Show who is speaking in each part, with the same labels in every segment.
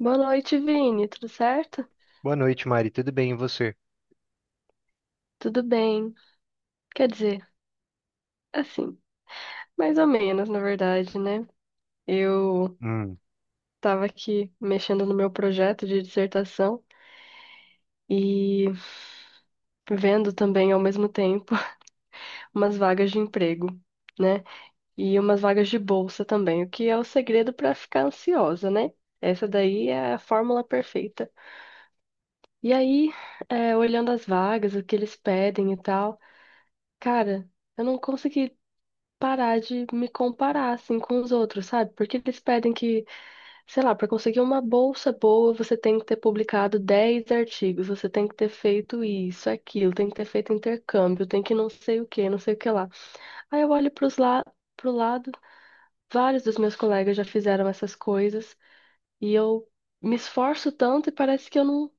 Speaker 1: Boa noite, Vini. Tudo certo?
Speaker 2: Boa noite, Mari. Tudo bem, e você?
Speaker 1: Tudo bem. Quer dizer, assim, mais ou menos, na verdade, né? Eu
Speaker 2: Hum.
Speaker 1: tava aqui mexendo no meu projeto de dissertação e vendo também ao mesmo tempo umas vagas de emprego, né? E umas vagas de bolsa também, o que é o segredo para ficar ansiosa, né? Essa daí é a fórmula perfeita. E aí, olhando as vagas, o que eles pedem e tal, cara, eu não consegui parar de me comparar assim com os outros, sabe? Porque eles pedem que, sei lá, para conseguir uma bolsa boa, você tem que ter publicado 10 artigos, você tem que ter feito isso, aquilo, tem que ter feito intercâmbio, tem que não sei o que, não sei o que lá. Aí eu olho pro lado, vários dos meus colegas já fizeram essas coisas e eu me esforço tanto e parece que eu não,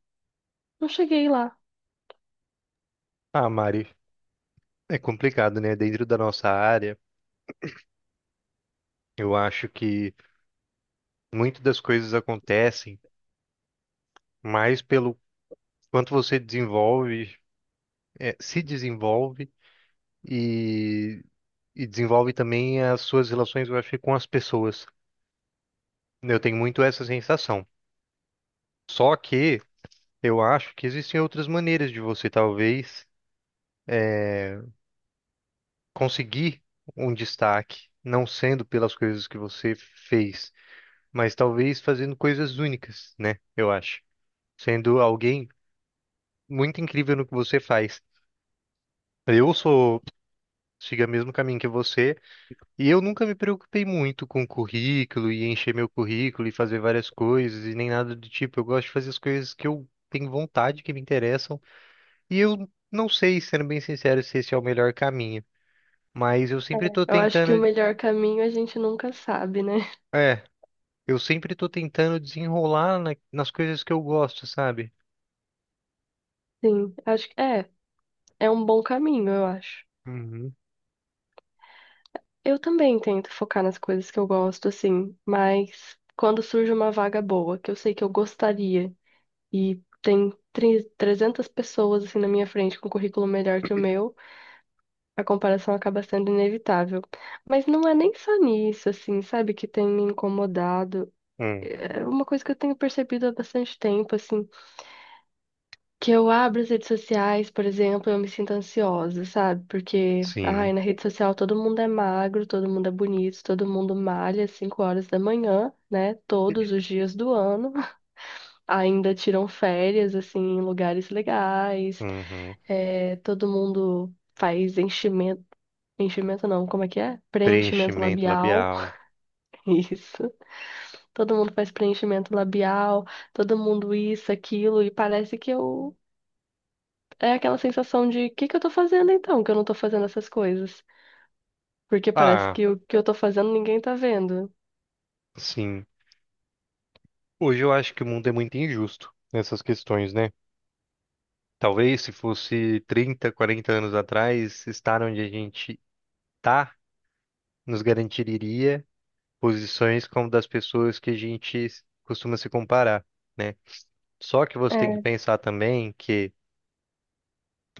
Speaker 1: não cheguei lá.
Speaker 2: Ah, Mari, é complicado, né? Dentro da nossa área, eu acho que muitas das coisas acontecem mais pelo quanto você desenvolve, se desenvolve e, e desenvolve também as suas relações, eu acho, que com as pessoas. Eu tenho muito essa sensação. Só que eu acho que existem outras maneiras de você talvez conseguir um destaque, não sendo pelas coisas que você fez, mas talvez fazendo coisas únicas, né? Eu acho. Sendo alguém muito incrível no que você faz. Eu sou, siga o mesmo caminho que você, e eu nunca me preocupei muito com currículo e encher meu currículo e fazer várias coisas e nem nada do tipo. Eu gosto de fazer as coisas que eu tenho vontade, que me interessam, e eu não sei, sendo bem sincero, se esse é o melhor caminho, mas eu
Speaker 1: É.
Speaker 2: sempre tô
Speaker 1: Eu acho que o melhor caminho a gente nunca sabe, né?
Speaker 2: é, tentando desenrolar nas coisas que eu gosto, sabe?
Speaker 1: Sim, acho que é um bom caminho, eu acho.
Speaker 2: Uhum.
Speaker 1: Eu também tento focar nas coisas que eu gosto, assim, mas quando surge uma vaga boa, que eu sei que eu gostaria, e tem 300 pessoas, assim, na minha frente com um currículo melhor que o meu, a comparação acaba sendo inevitável. Mas não é nem só nisso, assim, sabe, que tem me incomodado.
Speaker 2: Hum,
Speaker 1: É uma coisa que eu tenho percebido há bastante tempo, assim que eu abro as redes sociais, por exemplo, eu me sinto ansiosa, sabe? Porque, ai,
Speaker 2: sim.
Speaker 1: na rede social todo mundo é magro, todo mundo é bonito, todo mundo malha às 5 horas da manhã, né? Todos os dias do ano. Ainda tiram férias, assim, em lugares legais.
Speaker 2: Uhum.
Speaker 1: É, todo mundo faz enchimento. Enchimento não, como é que é? Preenchimento
Speaker 2: Preenchimento
Speaker 1: labial.
Speaker 2: labial.
Speaker 1: Isso. Todo mundo faz preenchimento labial, todo mundo isso, aquilo, e parece que eu é aquela sensação de o que que eu tô fazendo então, que eu não tô fazendo essas coisas. Porque parece
Speaker 2: Ah,
Speaker 1: que o que eu tô fazendo ninguém tá vendo.
Speaker 2: sim. Hoje eu acho que o mundo é muito injusto nessas questões, né? Talvez se fosse 30 40 anos atrás, estar onde a gente tá nos garantiria posições como das pessoas que a gente costuma se comparar, né? Só que você tem que
Speaker 1: É,
Speaker 2: pensar também que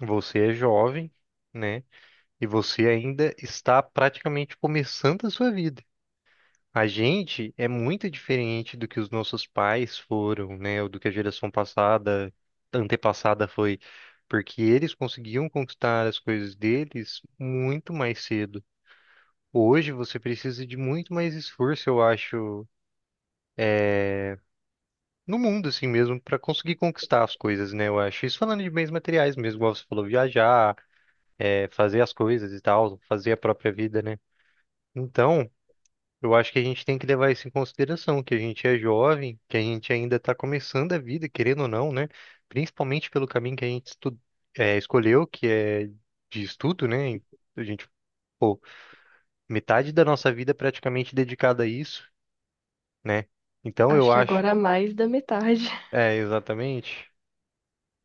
Speaker 2: você é jovem, né? E você ainda está praticamente começando a sua vida. A gente é muito diferente do que os nossos pais foram, né? Ou do que a geração passada, antepassada foi, porque eles conseguiam conquistar as coisas deles muito mais cedo. Hoje você precisa de muito mais esforço, eu acho, no mundo assim mesmo, para conseguir conquistar as coisas, né? Eu acho. Isso falando de bens materiais mesmo, igual você falou, viajar, fazer as coisas e tal, fazer a própria vida, né? Então. Eu acho que a gente tem que levar isso em consideração, que a gente é jovem, que a gente ainda está começando a vida, querendo ou não, né? Principalmente pelo caminho que a gente escolheu, que é de estudo, né? E a gente, pô, metade da nossa vida é praticamente dedicada a isso, né? Então eu
Speaker 1: acho que
Speaker 2: acho,
Speaker 1: agora é mais da metade.
Speaker 2: é, exatamente.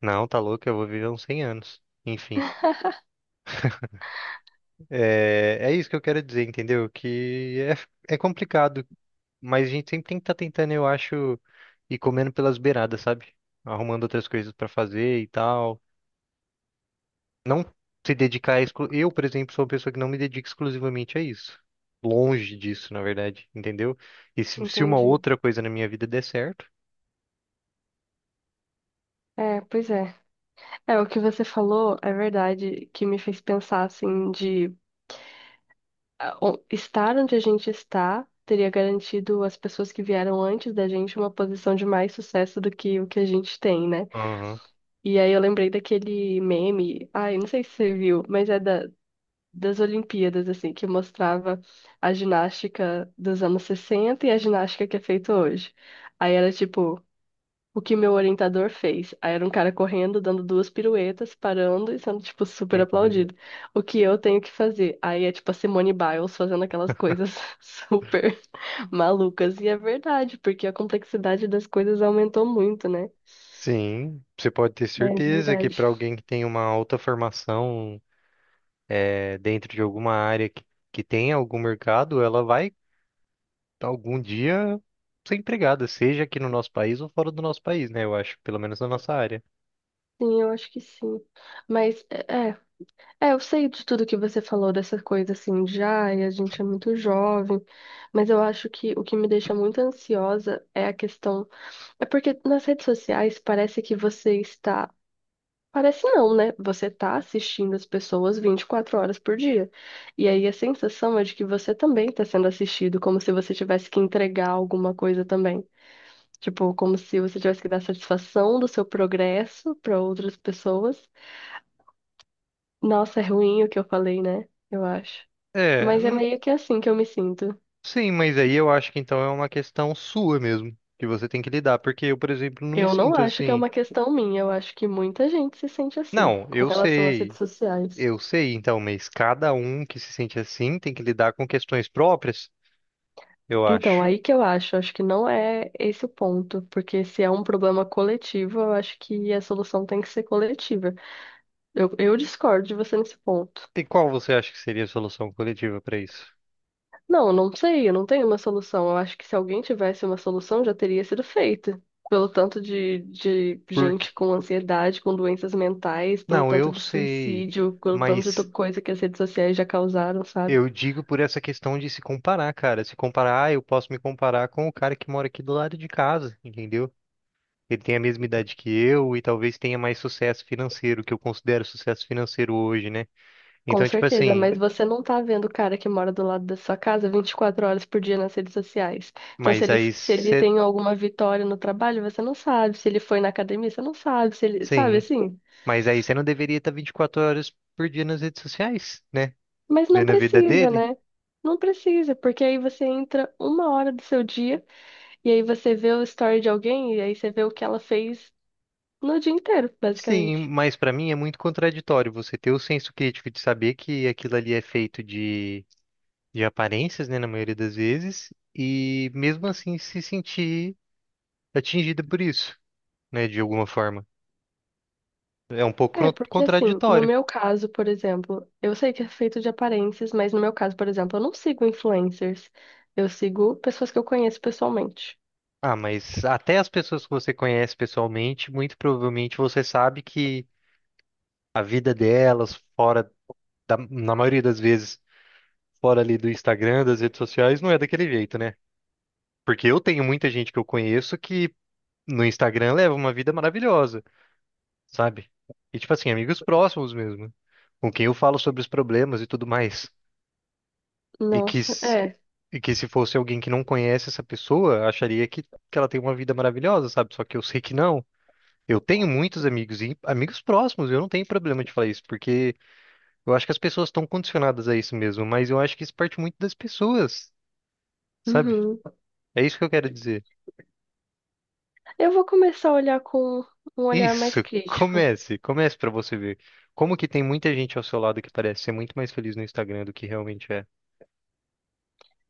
Speaker 2: Não, tá louco, eu vou viver uns 100 anos. Enfim, é isso que eu quero dizer, entendeu? Que é complicado. Mas a gente sempre tem que estar tentando, eu acho, ir comendo pelas beiradas, sabe? Arrumando outras coisas pra fazer e tal. Não se dedicar. Eu, por exemplo, sou uma pessoa que não me dedica exclusivamente a isso. Longe disso, na verdade, entendeu? E se uma
Speaker 1: Entendi.
Speaker 2: outra coisa na minha vida der certo.
Speaker 1: É, pois é. É, o que você falou é verdade, que me fez pensar assim de ah, estar onde a gente está teria garantido às pessoas que vieram antes da gente uma posição de mais sucesso do que o que a gente tem, né?
Speaker 2: Aham.
Speaker 1: E aí eu lembrei daquele meme, ai, não sei se você viu, mas é das Olimpíadas, assim, que mostrava a ginástica dos anos 60 e a ginástica que é feita hoje. Aí era tipo, o que meu orientador fez. Aí era um cara correndo, dando duas piruetas, parando e sendo, tipo, super
Speaker 2: Uhum.
Speaker 1: aplaudido. O que eu tenho que fazer? Aí é tipo a Simone Biles fazendo aquelas coisas super malucas. E é verdade, porque a complexidade das coisas aumentou muito, né?
Speaker 2: Sim, você pode ter
Speaker 1: É, de
Speaker 2: certeza que
Speaker 1: verdade.
Speaker 2: para alguém que tem uma alta formação dentro de alguma área que tem algum mercado, ela vai algum dia ser empregada, seja aqui no nosso país ou fora do nosso país, né? Eu acho, pelo menos na nossa área.
Speaker 1: Sim, eu acho que sim. Mas, eu sei de tudo que você falou dessa coisa assim, já, e a gente é muito jovem, mas eu acho que o que me deixa muito ansiosa é a questão. É porque nas redes sociais parece que você está. Parece não, né? Você está assistindo as pessoas 24 horas por dia. E aí a sensação é de que você também está sendo assistido, como se você tivesse que entregar alguma coisa também. Tipo, como se você tivesse que dar satisfação do seu progresso para outras pessoas. Nossa, é ruim o que eu falei, né? Eu acho.
Speaker 2: É,
Speaker 1: Mas é meio que assim que eu me sinto.
Speaker 2: sim, mas aí eu acho que então é uma questão sua mesmo, que você tem que lidar, porque eu, por exemplo, não me
Speaker 1: Eu não
Speaker 2: sinto
Speaker 1: acho que é
Speaker 2: assim.
Speaker 1: uma questão minha, eu acho que muita gente se sente assim
Speaker 2: Não,
Speaker 1: com relação às redes sociais.
Speaker 2: eu sei, então, mas cada um que se sente assim tem que lidar com questões próprias, eu
Speaker 1: Então,
Speaker 2: acho.
Speaker 1: aí que acho que não é esse o ponto, porque se é um problema coletivo, eu acho que a solução tem que ser coletiva. Eu discordo de você nesse ponto.
Speaker 2: E qual você acha que seria a solução coletiva para isso?
Speaker 1: Não, eu não sei, eu não tenho uma solução. Eu acho que se alguém tivesse uma solução, já teria sido feita. Pelo tanto de
Speaker 2: Porque,
Speaker 1: gente com ansiedade, com doenças mentais, pelo
Speaker 2: não,
Speaker 1: tanto
Speaker 2: eu
Speaker 1: de
Speaker 2: sei,
Speaker 1: suicídio, pelo tanto de
Speaker 2: mas
Speaker 1: coisa que as redes sociais já causaram, sabe?
Speaker 2: eu digo por essa questão de se comparar, cara. Se comparar, ah, eu posso me comparar com o cara que mora aqui do lado de casa, entendeu? Ele tem a mesma idade que eu e talvez tenha mais sucesso financeiro, que eu considero sucesso financeiro hoje, né?
Speaker 1: Com
Speaker 2: Então, tipo
Speaker 1: certeza,
Speaker 2: assim,
Speaker 1: mas você não tá vendo o cara que mora do lado da sua casa 24 horas por dia nas redes sociais. Então, se
Speaker 2: mas
Speaker 1: ele,
Speaker 2: aí
Speaker 1: se ele
Speaker 2: você,
Speaker 1: tem alguma vitória no trabalho, você não sabe. Se ele foi na academia, você não sabe. Se ele, sabe
Speaker 2: sim,
Speaker 1: assim?
Speaker 2: mas aí você não deveria estar 24 horas por dia nas redes sociais, né?
Speaker 1: Mas não
Speaker 2: Vendo a vida
Speaker 1: precisa,
Speaker 2: dele?
Speaker 1: né? Não precisa, porque aí você entra uma hora do seu dia e aí você vê o story de alguém e aí você vê o que ela fez no dia inteiro,
Speaker 2: Sim,
Speaker 1: basicamente.
Speaker 2: mas pra mim é muito contraditório você ter o senso crítico de saber que aquilo ali é feito de aparências, né, na maioria das vezes, e mesmo assim se sentir atingida por isso, né, de alguma forma. É um pouco
Speaker 1: É, porque assim, no
Speaker 2: contraditório.
Speaker 1: meu caso, por exemplo, eu sei que é feito de aparências, mas no meu caso, por exemplo, eu não sigo influencers. Eu sigo pessoas que eu conheço pessoalmente.
Speaker 2: Ah, mas até as pessoas que você conhece pessoalmente, muito provavelmente você sabe que a vida delas, fora da, na maioria das vezes, fora ali do Instagram, das redes sociais, não é daquele jeito, né? Porque eu tenho muita gente que eu conheço que no Instagram leva uma vida maravilhosa, sabe? E tipo assim, amigos próximos mesmo, com quem eu falo sobre os problemas e tudo mais. E que,
Speaker 1: Nossa,
Speaker 2: s-
Speaker 1: é.
Speaker 2: e que se fosse alguém que não conhece essa pessoa, acharia que ela tem uma vida maravilhosa, sabe? Só que eu sei que não. Eu tenho muitos amigos e amigos próximos, eu não tenho problema de falar isso, porque eu acho que as pessoas estão condicionadas a isso mesmo, mas eu acho que isso parte muito das pessoas, sabe?
Speaker 1: Uhum.
Speaker 2: É isso que eu quero dizer.
Speaker 1: Eu vou começar a olhar com um olhar mais
Speaker 2: Isso,
Speaker 1: crítico.
Speaker 2: comece, comece pra você ver. Como que tem muita gente ao seu lado que parece ser muito mais feliz no Instagram do que realmente é.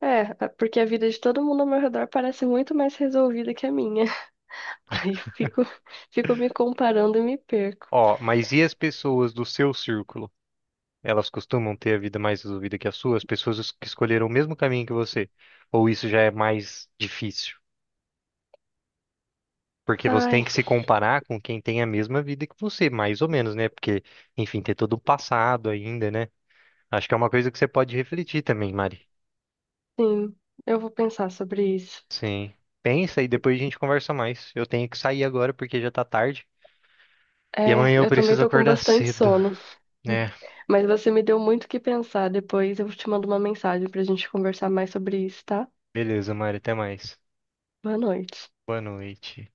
Speaker 1: É, é, porque a vida de todo mundo ao meu redor parece muito mais resolvida que a minha. Aí eu fico me comparando e me perco.
Speaker 2: Ó, mas e as pessoas do seu círculo? Elas costumam ter a vida mais resolvida que a sua? As pessoas que escolheram o mesmo caminho que você? Ou isso já é mais difícil? Porque você tem
Speaker 1: Ai,
Speaker 2: que se comparar com quem tem a mesma vida que você, mais ou menos, né? Porque, enfim, ter todo o passado ainda, né? Acho que é uma coisa que você pode refletir também, Mari.
Speaker 1: sim, eu vou pensar sobre isso.
Speaker 2: Sim. Pensa e depois a gente conversa mais. Eu tenho que sair agora porque já tá tarde. E
Speaker 1: É,
Speaker 2: amanhã eu
Speaker 1: eu também
Speaker 2: preciso
Speaker 1: tô com
Speaker 2: acordar
Speaker 1: bastante
Speaker 2: cedo,
Speaker 1: sono,
Speaker 2: né?
Speaker 1: mas você me deu muito o que pensar. Depois eu te mando uma mensagem pra gente conversar mais sobre isso, tá?
Speaker 2: Beleza, Mari, até mais.
Speaker 1: Boa noite.
Speaker 2: Boa noite.